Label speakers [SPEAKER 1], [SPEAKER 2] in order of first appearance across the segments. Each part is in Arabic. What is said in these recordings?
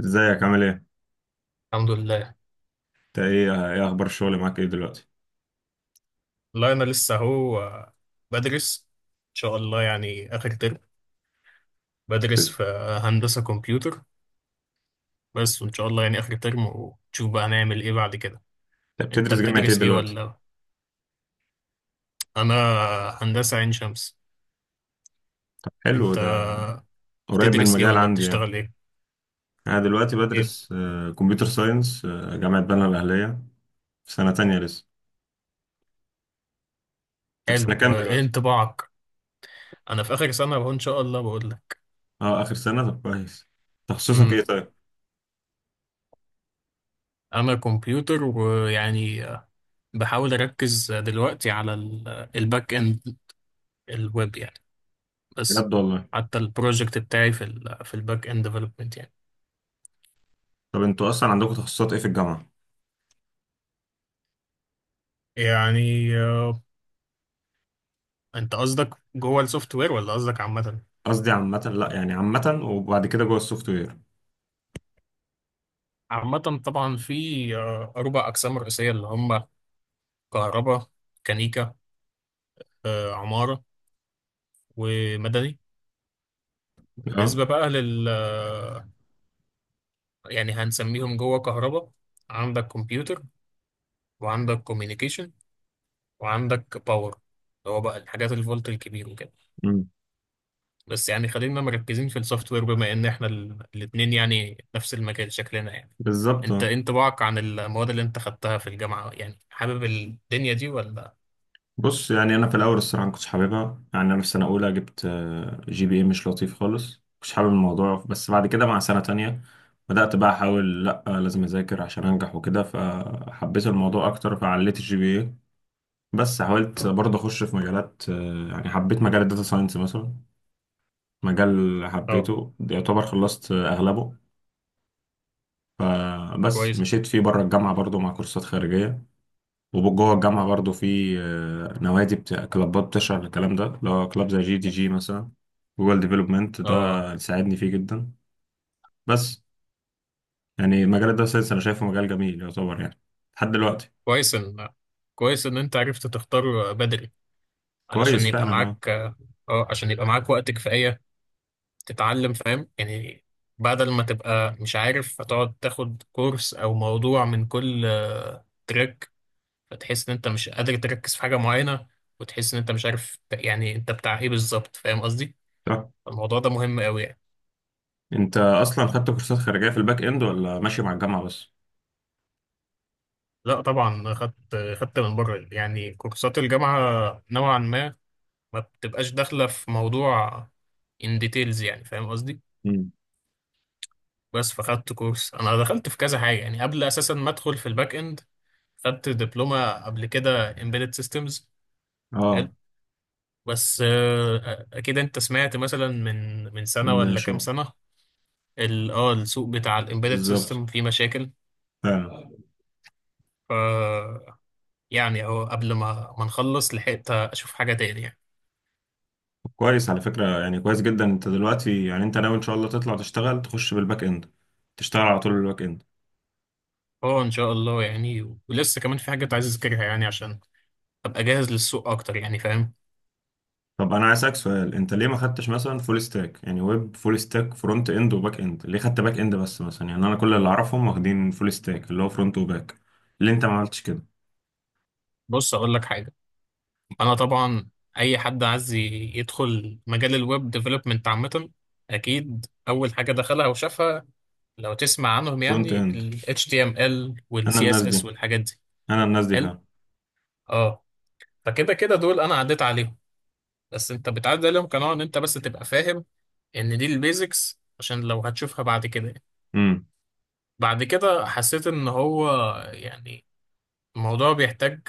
[SPEAKER 1] ازيك عامل ايه؟
[SPEAKER 2] الحمد لله.
[SPEAKER 1] انت ايه اخبار الشغل معاك ايه دلوقتي؟
[SPEAKER 2] لا، أنا لسه أهو، بدرس. إن شاء الله يعني آخر ترم. بدرس
[SPEAKER 1] انت
[SPEAKER 2] في هندسة كمبيوتر، بس وإن شاء الله يعني آخر ترم، ونشوف بقى هنعمل إيه بعد كده. أنت
[SPEAKER 1] بتدرس جامعة ايه
[SPEAKER 2] بتدرس إيه
[SPEAKER 1] دلوقتي؟
[SPEAKER 2] ولا... أنا هندسة عين شمس.
[SPEAKER 1] حلو
[SPEAKER 2] أنت
[SPEAKER 1] ده، قريب من
[SPEAKER 2] بتدرس إيه
[SPEAKER 1] المجال
[SPEAKER 2] ولا
[SPEAKER 1] عندي يعني.
[SPEAKER 2] بتشتغل إيه؟
[SPEAKER 1] انا دلوقتي
[SPEAKER 2] إيه؟
[SPEAKER 1] بدرس كمبيوتر ساينس جامعة بنها الاهلية، في سنة تانية لسه. انت في
[SPEAKER 2] حلو،
[SPEAKER 1] سنة كام
[SPEAKER 2] وإيه
[SPEAKER 1] دلوقتي؟
[SPEAKER 2] انطباعك؟ أنا في آخر سنة أهو، إن شاء الله بقول لك.
[SPEAKER 1] اه، اخر سنة، طب كويس. تخصصك
[SPEAKER 2] أمم
[SPEAKER 1] ايه طيب؟
[SPEAKER 2] أنا كمبيوتر، ويعني بحاول أركز دلوقتي على الباك إند، الويب يعني. بس
[SPEAKER 1] بجد والله.
[SPEAKER 2] حتى البروجكت بتاعي في ال في الباك اند ديفلوبمنت يعني.
[SPEAKER 1] طب انتوا اصلا عندكم تخصصات ايه في الجامعة؟
[SPEAKER 2] يعني انت قصدك جوه السوفت وير ولا قصدك عامة؟
[SPEAKER 1] قصدي عامة، لا يعني عامة وبعد كده جوه السوفت وير.
[SPEAKER 2] عامة. طبعا في أربع أقسام رئيسية اللي هم كهرباء، ميكانيكا، عمارة، ومدني.
[SPEAKER 1] اه.
[SPEAKER 2] بالنسبة بقى لل آه، يعني هنسميهم جوه كهرباء، عندك كمبيوتر، وعندك كوميونيكيشن، وعندك باور، اللي هو بقى الحاجات الفولت الكبير وكده.
[SPEAKER 1] امم.
[SPEAKER 2] بس يعني خلينا مركزين في السوفت وير، بما ان احنا الاثنين يعني نفس المجال شكلنا يعني.
[SPEAKER 1] بالظبط.
[SPEAKER 2] انت إيه انطباعك عن المواد اللي انت خدتها في الجامعة؟ يعني حابب الدنيا دي ولا...
[SPEAKER 1] بص يعني انا في الاول الصراحه ما كنتش حاببها، يعني انا في سنه اولى جبت جي بي اي مش لطيف خالص، مش حابب الموضوع، بس بعد كده مع سنه تانية بدات بقى احاول، لا لازم اذاكر عشان انجح وكده، فحبيت الموضوع اكتر فعليت الجي بي اي. بس حاولت برضه اخش في مجالات يعني حبيت مجال الداتا ساينس مثلا، مجال
[SPEAKER 2] اه
[SPEAKER 1] حبيته يعتبر خلصت اغلبه، فبس
[SPEAKER 2] كويس.
[SPEAKER 1] مشيت فيه بره الجامعه برضه مع كورسات خارجيه. وجوه الجامعة برضو في نوادي بتاع كلابات بتشرح الكلام ده، اللي هو كلاب زي جي دي جي مثلا، جوجل ديفلوبمنت
[SPEAKER 2] اه
[SPEAKER 1] ده ساعدني فيه جدا. بس يعني مجال الداتا ساينس أنا شايفه مجال جميل يعتبر يعني، لحد دلوقتي.
[SPEAKER 2] كويس ان كويس ان انت عرفت تختار بدري،
[SPEAKER 1] كويس
[SPEAKER 2] علشان يبقى
[SPEAKER 1] فعلا، اه.
[SPEAKER 2] معاك اه عشان يبقى معاك وقت كفاية تتعلم. فاهم يعني؟ بدل ما تبقى مش عارف، هتقعد تاخد كورس او موضوع من كل تراك، فتحس ان انت مش قادر تركز في حاجه معينه، وتحس ان انت مش عارف يعني انت بتاع ايه بالظبط. فاهم قصدي؟
[SPEAKER 1] طب
[SPEAKER 2] الموضوع ده مهم قوي يعني.
[SPEAKER 1] أنت أصلا خدت كورسات خارجية في الباك إند ولا ماشي مع الجامعة بس؟
[SPEAKER 2] لا طبعا، خدت من بره، يعني كورسات الجامعه نوعا ما بتبقاش داخله في موضوع ان ديتيلز يعني. فاهم قصدي؟
[SPEAKER 1] مم.
[SPEAKER 2] بس فخدت كورس، انا دخلت في كذا حاجه يعني قبل اساسا ما ادخل في الباك اند، خدت دبلومه قبل كده embedded systems.
[SPEAKER 1] اه،
[SPEAKER 2] حلو. بس اكيد انت سمعت مثلا من سنه
[SPEAKER 1] ان
[SPEAKER 2] ولا
[SPEAKER 1] شو.
[SPEAKER 2] كام سنه، السوق بتاع الامبيدد
[SPEAKER 1] بالظبط،
[SPEAKER 2] سيستم فيه مشاكل.
[SPEAKER 1] فعلا.
[SPEAKER 2] ف يعني اهو قبل ما نخلص لحقت اشوف حاجه تاني يعني.
[SPEAKER 1] كويس على فكرة، يعني كويس جدا. انت دلوقتي يعني انت ناوي ان شاء الله تطلع تشتغل، تخش بالباك اند، تشتغل على طول بالباك اند.
[SPEAKER 2] اه، ان شاء الله يعني، ولسه كمان في حاجات عايز اذاكرها يعني عشان ابقى جاهز للسوق اكتر يعني. فاهم؟
[SPEAKER 1] طب انا عايز اسالك سؤال، انت ليه ما خدتش مثلا فول ستاك، يعني ويب فول ستاك، فرونت اند وباك اند، ليه خدت باك اند بس مثلا؟ يعني انا كل اللي اعرفهم واخدين فول ستاك اللي هو فرونت وباك، ليه انت ما عملتش كده؟
[SPEAKER 2] بص اقول لك حاجه. انا طبعا، اي حد عايز يدخل مجال الويب ديفلوبمنت عامه، اكيد اول حاجه دخلها وشافها، لو تسمع عنهم
[SPEAKER 1] فرونت
[SPEAKER 2] يعني،
[SPEAKER 1] اند.
[SPEAKER 2] ال HTML وال
[SPEAKER 1] انا الناس
[SPEAKER 2] CSS
[SPEAKER 1] دي
[SPEAKER 2] والحاجات دي.
[SPEAKER 1] انا الناس دي
[SPEAKER 2] حلو.
[SPEAKER 1] فعلا.
[SPEAKER 2] اه، فكده كده دول انا عديت عليهم، بس انت بتعدي عليهم قناعة ان انت بس تبقى فاهم ان دي البيزكس، عشان لو هتشوفها بعد كده يعني.
[SPEAKER 1] امم.
[SPEAKER 2] بعد كده حسيت ان هو يعني الموضوع بيحتاج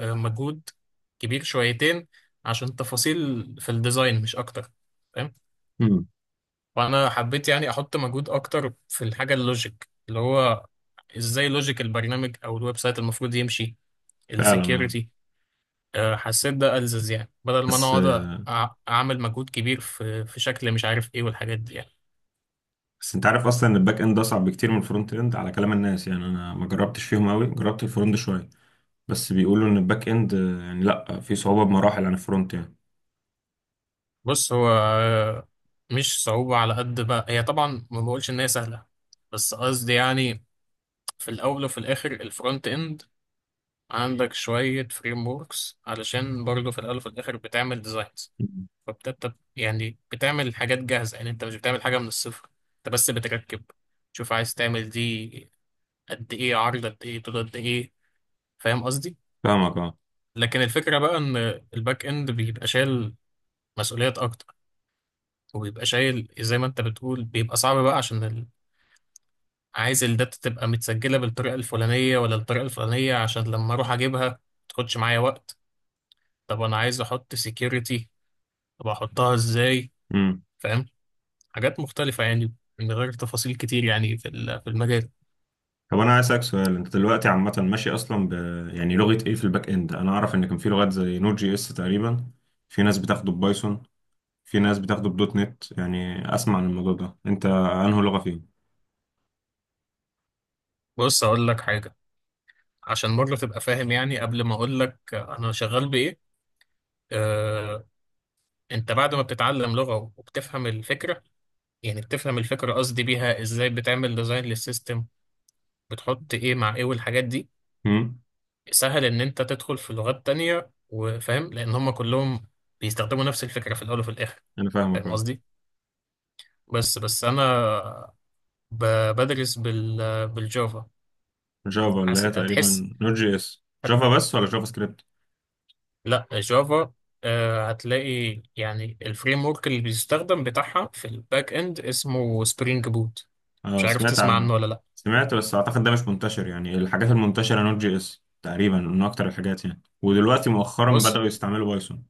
[SPEAKER 2] مجهود كبير شويتين عشان تفاصيل في الديزاين، مش اكتر. فاهم؟
[SPEAKER 1] امم،
[SPEAKER 2] وانا حبيت يعني احط مجهود اكتر في الحاجة اللوجيك، اللي هو ازاي لوجيك البرنامج او الويب سايت المفروض يمشي،
[SPEAKER 1] فعلا، اه.
[SPEAKER 2] السكيورتي. حسيت ده ألزز، يعني بدل ما انا
[SPEAKER 1] بس
[SPEAKER 2] اقعد
[SPEAKER 1] آه،
[SPEAKER 2] اعمل مجهود كبير في شكل مش عارف ايه والحاجات دي يعني.
[SPEAKER 1] بس انت عارف اصلا ان الباك اند اصعب بكتير من الفرونت اند على كلام الناس، يعني انا ما جربتش فيهم قوي، جربت الفرونت شويه، بس بيقولوا ان الباك اند يعني لا في صعوبه بمراحل عن الفرونت يعني.
[SPEAKER 2] بص هو مش صعوبة على قد ما هي، طبعا ما بقولش إن هي سهلة، بس قصدي يعني في الأول وفي الآخر الفرونت إند عندك شوية فريم وركس، علشان برضه في الأول وفي الآخر بتعمل ديزاينز،
[SPEAKER 1] مم.
[SPEAKER 2] يعني بتعمل حاجات جاهزة، يعني أنت مش بتعمل حاجة من الصفر، أنت بس بتركب، تشوف عايز تعمل دي قد إيه عرض، قد إيه طول، قد إيه. فاهم قصدي؟
[SPEAKER 1] فاهمك
[SPEAKER 2] لكن الفكرة بقى إن الباك إند بيبقى شايل مسؤوليات أكتر، وبيبقى شايل زي ما انت بتقول، بيبقى صعب بقى عشان عايز الداتا تبقى متسجلة بالطريقة الفلانية ولا الطريقة الفلانية، عشان لما أروح أجيبها ما تاخدش معايا وقت. طب أنا عايز أحط سيكيورتي، طب أحطها إزاي؟
[SPEAKER 1] اه.
[SPEAKER 2] فاهم؟ حاجات مختلفة يعني، من غير تفاصيل كتير يعني في المجال.
[SPEAKER 1] طب انا عايز اسالك سؤال، انت دلوقتي عامه ماشي اصلا يعني لغه ايه في الباك اند؟ انا اعرف ان كان في لغات زي نود جي اس تقريبا، في ناس بتاخده ببايثون، في ناس بتاخده بدوت نت، يعني اسمع عن الموضوع ده، انت انهي لغه فيهم؟
[SPEAKER 2] بص أقول لك حاجة، عشان مرة تبقى فاهم يعني قبل ما أقول لك أنا شغال بإيه. آه، أنت بعد ما بتتعلم لغة وبتفهم الفكرة، يعني بتفهم الفكرة، قصدي بيها إزاي بتعمل ديزاين للسيستم، بتحط إيه مع إيه والحاجات دي،
[SPEAKER 1] امم.
[SPEAKER 2] سهل ان انت تدخل في لغات تانية وفاهم، لان هم كلهم بيستخدموا نفس الفكرة في الاول وفي الاخر.
[SPEAKER 1] انا فاهمك
[SPEAKER 2] فاهم
[SPEAKER 1] اه.
[SPEAKER 2] قصدي؟ بس انا بدرس بالجافا.
[SPEAKER 1] جافا اللي
[SPEAKER 2] حس...
[SPEAKER 1] هي
[SPEAKER 2] هتحس
[SPEAKER 1] تقريبا نود جي اس؟
[SPEAKER 2] هت...
[SPEAKER 1] جافا بس ولا جافا سكريبت؟
[SPEAKER 2] لا، جافا. هتلاقي يعني الفريم ورك اللي بيستخدم بتاعها في الباك اند اسمه سبرينج بوت. مش
[SPEAKER 1] اه،
[SPEAKER 2] عارف
[SPEAKER 1] سمعت
[SPEAKER 2] تسمع
[SPEAKER 1] عنه.
[SPEAKER 2] عنه ولا لا؟
[SPEAKER 1] سمعت، بس اعتقد ده مش منتشر، يعني الحاجات المنتشره نود جي اس تقريبا من اكتر الحاجات يعني، ودلوقتي مؤخرا
[SPEAKER 2] بص
[SPEAKER 1] بداوا يستعملوا بايثون.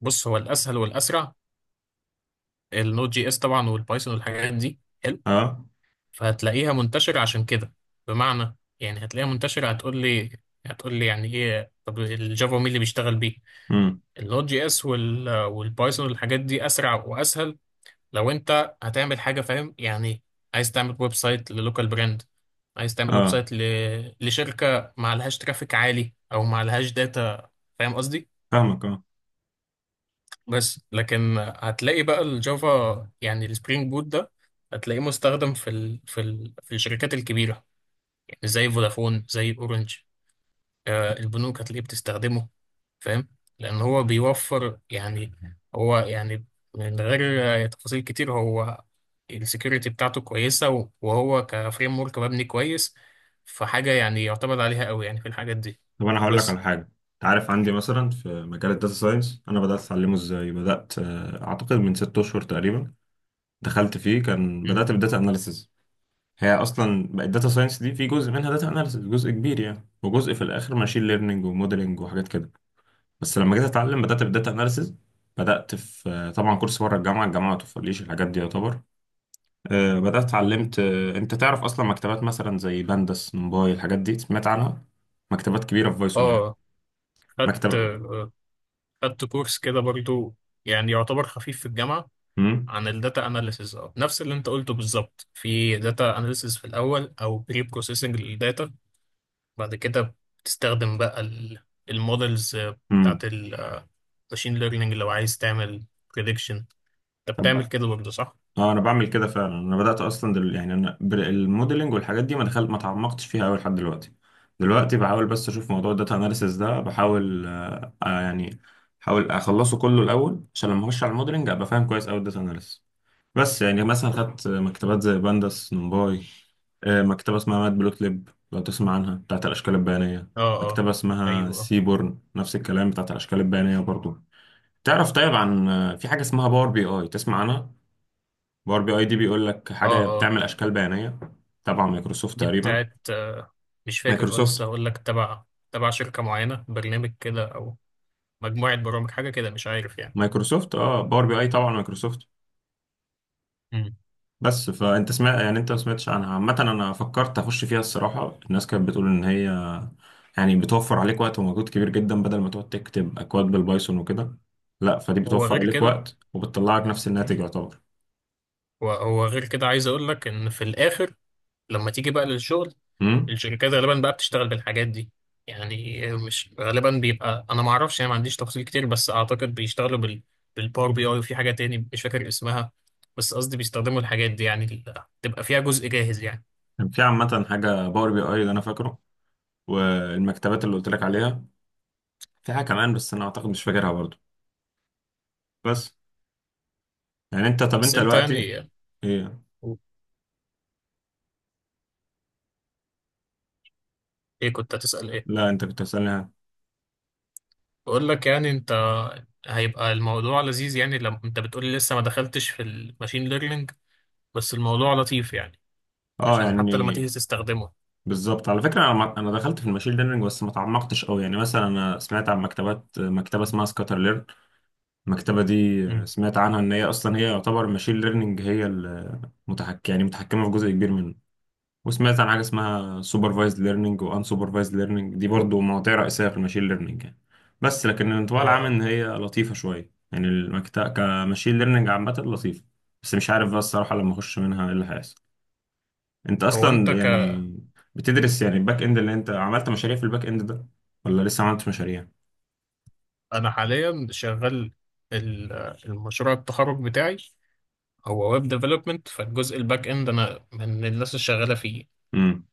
[SPEAKER 2] بص هو الاسهل والاسرع، النوت جي اس طبعا والبايثون والحاجات دي حلو،
[SPEAKER 1] اه.
[SPEAKER 2] فهتلاقيها منتشرة عشان كده. بمعنى يعني هتلاقيها منتشرة، هتقول لي، يعني ايه طب الجافا مين اللي بيشتغل بيه؟
[SPEAKER 1] امم،
[SPEAKER 2] اللوت جي اس والبايثون والحاجات دي اسرع واسهل لو انت هتعمل حاجة. فاهم يعني؟ عايز تعمل ويب سايت للوكال براند، عايز تعمل ويب
[SPEAKER 1] اه.
[SPEAKER 2] سايت لشركة ما لهاش ترافيك عالي او ما لهاش داتا. فاهم قصدي؟
[SPEAKER 1] فاهمك اه.
[SPEAKER 2] بس لكن هتلاقي بقى الجافا، يعني السبرينج بوت ده، هتلاقيه مستخدم في الشركات الكبيرة، زي فودافون، زي اورنج، البنوك هتلاقيه بتستخدمه. فاهم؟ لان هو بيوفر يعني، هو يعني، من غير تفاصيل كتير، هو السكيورتي بتاعته كويسة، وهو كفريم ورك مبني كويس، فحاجة يعني يعتمد عليها قوي يعني في الحاجات دي.
[SPEAKER 1] طب انا هقول لك على
[SPEAKER 2] بس.
[SPEAKER 1] حاجه. انت عارف عندي مثلا في مجال الداتا ساينس، انا بدات اتعلمه ازاي؟ بدات اعتقد من ست اشهر تقريبا، دخلت فيه كان
[SPEAKER 2] مم.
[SPEAKER 1] بدات بالداتا اناليسز. هي اصلا بقت داتا ساينس دي في جزء منها داتا اناليسز جزء كبير يعني، وجزء في الاخر ماشين ليرنينج وموديلنج وحاجات كده. بس لما جيت اتعلم بدات بالداتا اناليسز. بدات في طبعا كورس بره الجامعه ما توفرليش الحاجات دي يعتبر. بدات اتعلمت انت تعرف اصلا مكتبات مثلا زي بندس نمباي، الحاجات دي سمعت عنها؟ مكتبات كبيره في بايثون يعني.
[SPEAKER 2] اه، خدت
[SPEAKER 1] مكتبه.
[SPEAKER 2] آه، خدت كورس كده برضو، يعني يعتبر خفيف في الجامعة،
[SPEAKER 1] مم.
[SPEAKER 2] عن الداتا اناليسز. اه، نفس اللي انت قلته بالظبط، في داتا اناليسز في الاول او بري بروسيسنج للداتا، بعد كده بتستخدم بقى المودلز
[SPEAKER 1] امم.
[SPEAKER 2] بتاعت الماشين ليرنينج لو عايز تعمل بريدكشن. انت
[SPEAKER 1] طب،
[SPEAKER 2] بتعمل كده برضه صح؟
[SPEAKER 1] اه. انا بعمل كده فعلا، انا بدات اصلا يعني انا الموديلنج والحاجات دي ما دخلت ما تعمقتش فيها قوي لحد دلوقتي. دلوقتي بحاول بس اشوف موضوع الداتا اناليسيس ده، بحاول يعني بحاول اخلصه كله الاول عشان لما اخش على الموديلنج ابقى فاهم كويس قوي الداتا اناليسيس. بس يعني مثلا خدت مكتبات زي بانداس نمباي، مكتبه اسمها مات بلوت ليب، لو تسمع عنها، بتاعت الاشكال البيانيه.
[SPEAKER 2] اه، اه،
[SPEAKER 1] مكتبه اسمها
[SPEAKER 2] ايوه، اه،
[SPEAKER 1] سيبورن نفس الكلام، بتاعت الاشكال البيانيه برضو. تعرف طيب عن في حاجه اسمها باور بي اي، تسمع عنها؟ باور بي اي دي بيقول لك
[SPEAKER 2] اه،
[SPEAKER 1] حاجه،
[SPEAKER 2] اه.
[SPEAKER 1] بتعمل اشكال بيانيه، تبع مايكروسوفت
[SPEAKER 2] دي
[SPEAKER 1] تقريبا.
[SPEAKER 2] بتاعت مش فاكر. اه،
[SPEAKER 1] مايكروسوفت.
[SPEAKER 2] لسه هقول لك، تبع شركة معينة، برنامج كده، او مجموعة برامج، حاجة كده، مش عارف يعني.
[SPEAKER 1] مايكروسوفت، اه، باور بي اي طبعا مايكروسوفت.
[SPEAKER 2] مم.
[SPEAKER 1] بس، فانت سمعت؟ يعني انت ما سمعتش عنها عامه؟ انا فكرت اخش فيها الصراحه، الناس كانت بتقول ان هي يعني بتوفر عليك وقت ومجهود كبير جدا، بدل ما تقعد تكتب اكواد بالبايثون وكده، لا فدي
[SPEAKER 2] هو
[SPEAKER 1] بتوفر
[SPEAKER 2] غير
[SPEAKER 1] عليك
[SPEAKER 2] كده،
[SPEAKER 1] وقت وبتطلعك نفس الناتج يعتبر.
[SPEAKER 2] هو غير كده. عايز اقول لك ان في الاخر لما تيجي بقى للشغل،
[SPEAKER 1] امم.
[SPEAKER 2] الشركات غالبا بقى بتشتغل بالحاجات دي، يعني مش غالبا بيبقى، انا ما اعرفش يعني، ما عنديش تفاصيل كتير، بس اعتقد بيشتغلوا بالباور بي اي، وفي حاجه تاني مش فاكر اسمها، بس قصدي بيستخدموا الحاجات دي، يعني تبقى فيها جزء جاهز يعني.
[SPEAKER 1] كان في عامه حاجه باور بي اي اللي انا فاكره، والمكتبات اللي قلت لك عليها، في حاجه كمان بس انا اعتقد مش فاكرها برضو. بس، يعني انت، طب
[SPEAKER 2] بس
[SPEAKER 1] انت
[SPEAKER 2] انت
[SPEAKER 1] دلوقتي،
[SPEAKER 2] يعني،
[SPEAKER 1] ايه؟
[SPEAKER 2] ايه؟ كنت هتسأل ايه؟
[SPEAKER 1] لا انت كنت بتسألني ها.
[SPEAKER 2] بقول لك يعني، انت هيبقى الموضوع لذيذ، يعني لما انت بتقولي لسه ما دخلتش في الماشين ليرنينج، بس الموضوع لطيف يعني،
[SPEAKER 1] اه،
[SPEAKER 2] عشان حتى لما تيجي
[SPEAKER 1] يعني
[SPEAKER 2] تستخدمه.
[SPEAKER 1] بالظبط. على فكرة انا انا دخلت في الماشين ليرنينج، بس ما تعمقتش قوي يعني، مثلا انا سمعت عن مكتبة اسمها سكاتر ليرن. المكتبة دي
[SPEAKER 2] امم
[SPEAKER 1] سمعت عنها ان هي اصلا، هي يعتبر الماشين ليرنينج هي المتحكم يعني، متحكمة في جزء كبير منه. وسمعت عن حاجه اسمها سوبرفايزد ليرنينج، وان سوبرفايزد ليرنينج دي برضو مواضيع رئيسيه في الماشين ليرنينج يعني. بس لكن
[SPEAKER 2] اه.
[SPEAKER 1] الانطباع العام
[SPEAKER 2] آه.
[SPEAKER 1] ان هي لطيفه شويه يعني، المكتب كماشين ليرنينج عامه لطيفه. بس مش عارف بقى الصراحه لما اخش منها ايه اللي هيحصل. انت
[SPEAKER 2] هو انت
[SPEAKER 1] اصلا يعني بتدرس يعني الباك اند، اللي انت عملت مشاريع في الباك اند ده ولا لسه ما عملتش مشاريع؟
[SPEAKER 2] انا حاليا شغال ال- المشروع التخرج بتاعي، هو ويب ديفلوبمنت، فالجزء الباك اند انا من الناس الشغاله فيه.
[SPEAKER 1] امم.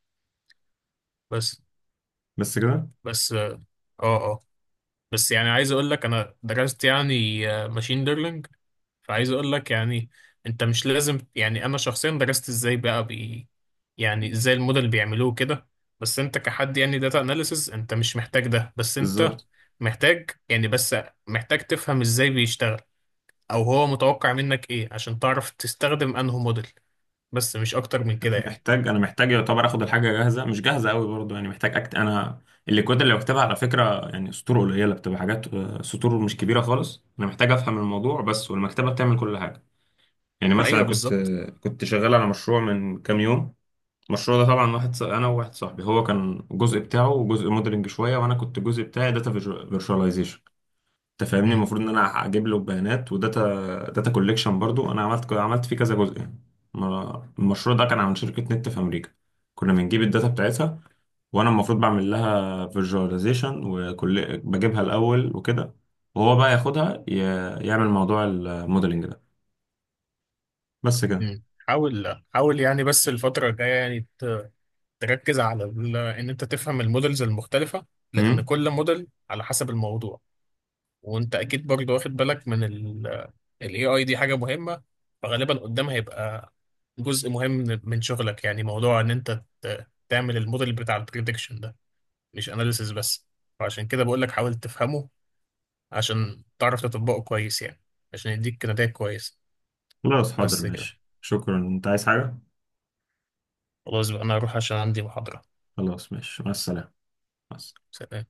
[SPEAKER 2] بس
[SPEAKER 1] بس كده.
[SPEAKER 2] بس اه، اه. بس يعني عايز اقول لك، انا درست يعني ماشين ليرنينج، فعايز اقول لك يعني انت مش لازم، يعني انا شخصيا درست ازاي بقى يعني ازاي الموديل بيعملوه كده، بس انت كحد يعني داتا اناليسز انت مش محتاج ده، بس انت
[SPEAKER 1] بالظبط.
[SPEAKER 2] محتاج يعني، بس محتاج تفهم ازاي بيشتغل، او هو متوقع منك ايه عشان تعرف تستخدم انه موديل، بس مش اكتر من كده يعني.
[SPEAKER 1] انا محتاج يعتبر اخد الحاجه جاهزه، مش جاهزه قوي برضو يعني، محتاج انا الليكويد اللي بكتبها على فكره يعني سطور قليله، بتبقى حاجات سطور مش كبيره خالص، انا محتاج افهم الموضوع بس والمكتبه بتعمل كل حاجه. يعني مثلا
[SPEAKER 2] ايوه
[SPEAKER 1] كنت
[SPEAKER 2] بالظبط.
[SPEAKER 1] آه، كنت شغال على مشروع من كام يوم. المشروع ده طبعا انا وواحد صاحبي، هو كان الجزء بتاعه جزء موديلنج شويه، وانا كنت الجزء بتاعي داتا فيرشواليزيشن. انت فاهمني،
[SPEAKER 2] مم.
[SPEAKER 1] المفروض ان انا اجيب له بيانات، وداتا كوليكشن برضو انا عملت فيه كذا جزء يعني. المشروع ده كان عن شركة نت في امريكا، كنا بنجيب الداتا بتاعتها، وانا المفروض بعمل لها فيجواليزيشن، وكل بجيبها الاول وكده، وهو بقى ياخدها يعمل موضوع الموديلنج ده. بس كده.
[SPEAKER 2] مم. حاول حاول يعني، بس الفترة الجاية يعني تركز على ان انت تفهم المودلز المختلفة، لان
[SPEAKER 1] امم.
[SPEAKER 2] كل موديل على حسب الموضوع. وانت اكيد برضه واخد بالك من الاي اي دي، حاجة مهمة، فغالبا قدام هيبقى جزء مهم من شغلك، يعني موضوع ان انت تعمل الموديل بتاع البريدكشن ده، مش اناليسيس بس. فعشان كده بقول لك حاول تفهمه عشان تعرف تطبقه كويس يعني، عشان يديك نتائج كويسة.
[SPEAKER 1] خلاص حاضر
[SPEAKER 2] بس كده.
[SPEAKER 1] ماشي، شكرا، انت عايز حاجة؟
[SPEAKER 2] خلاص بقى، أنا هروح عشان عندي محاضرة.
[SPEAKER 1] خلاص ماشي، مع السلامة. مع السلامة.
[SPEAKER 2] سلام.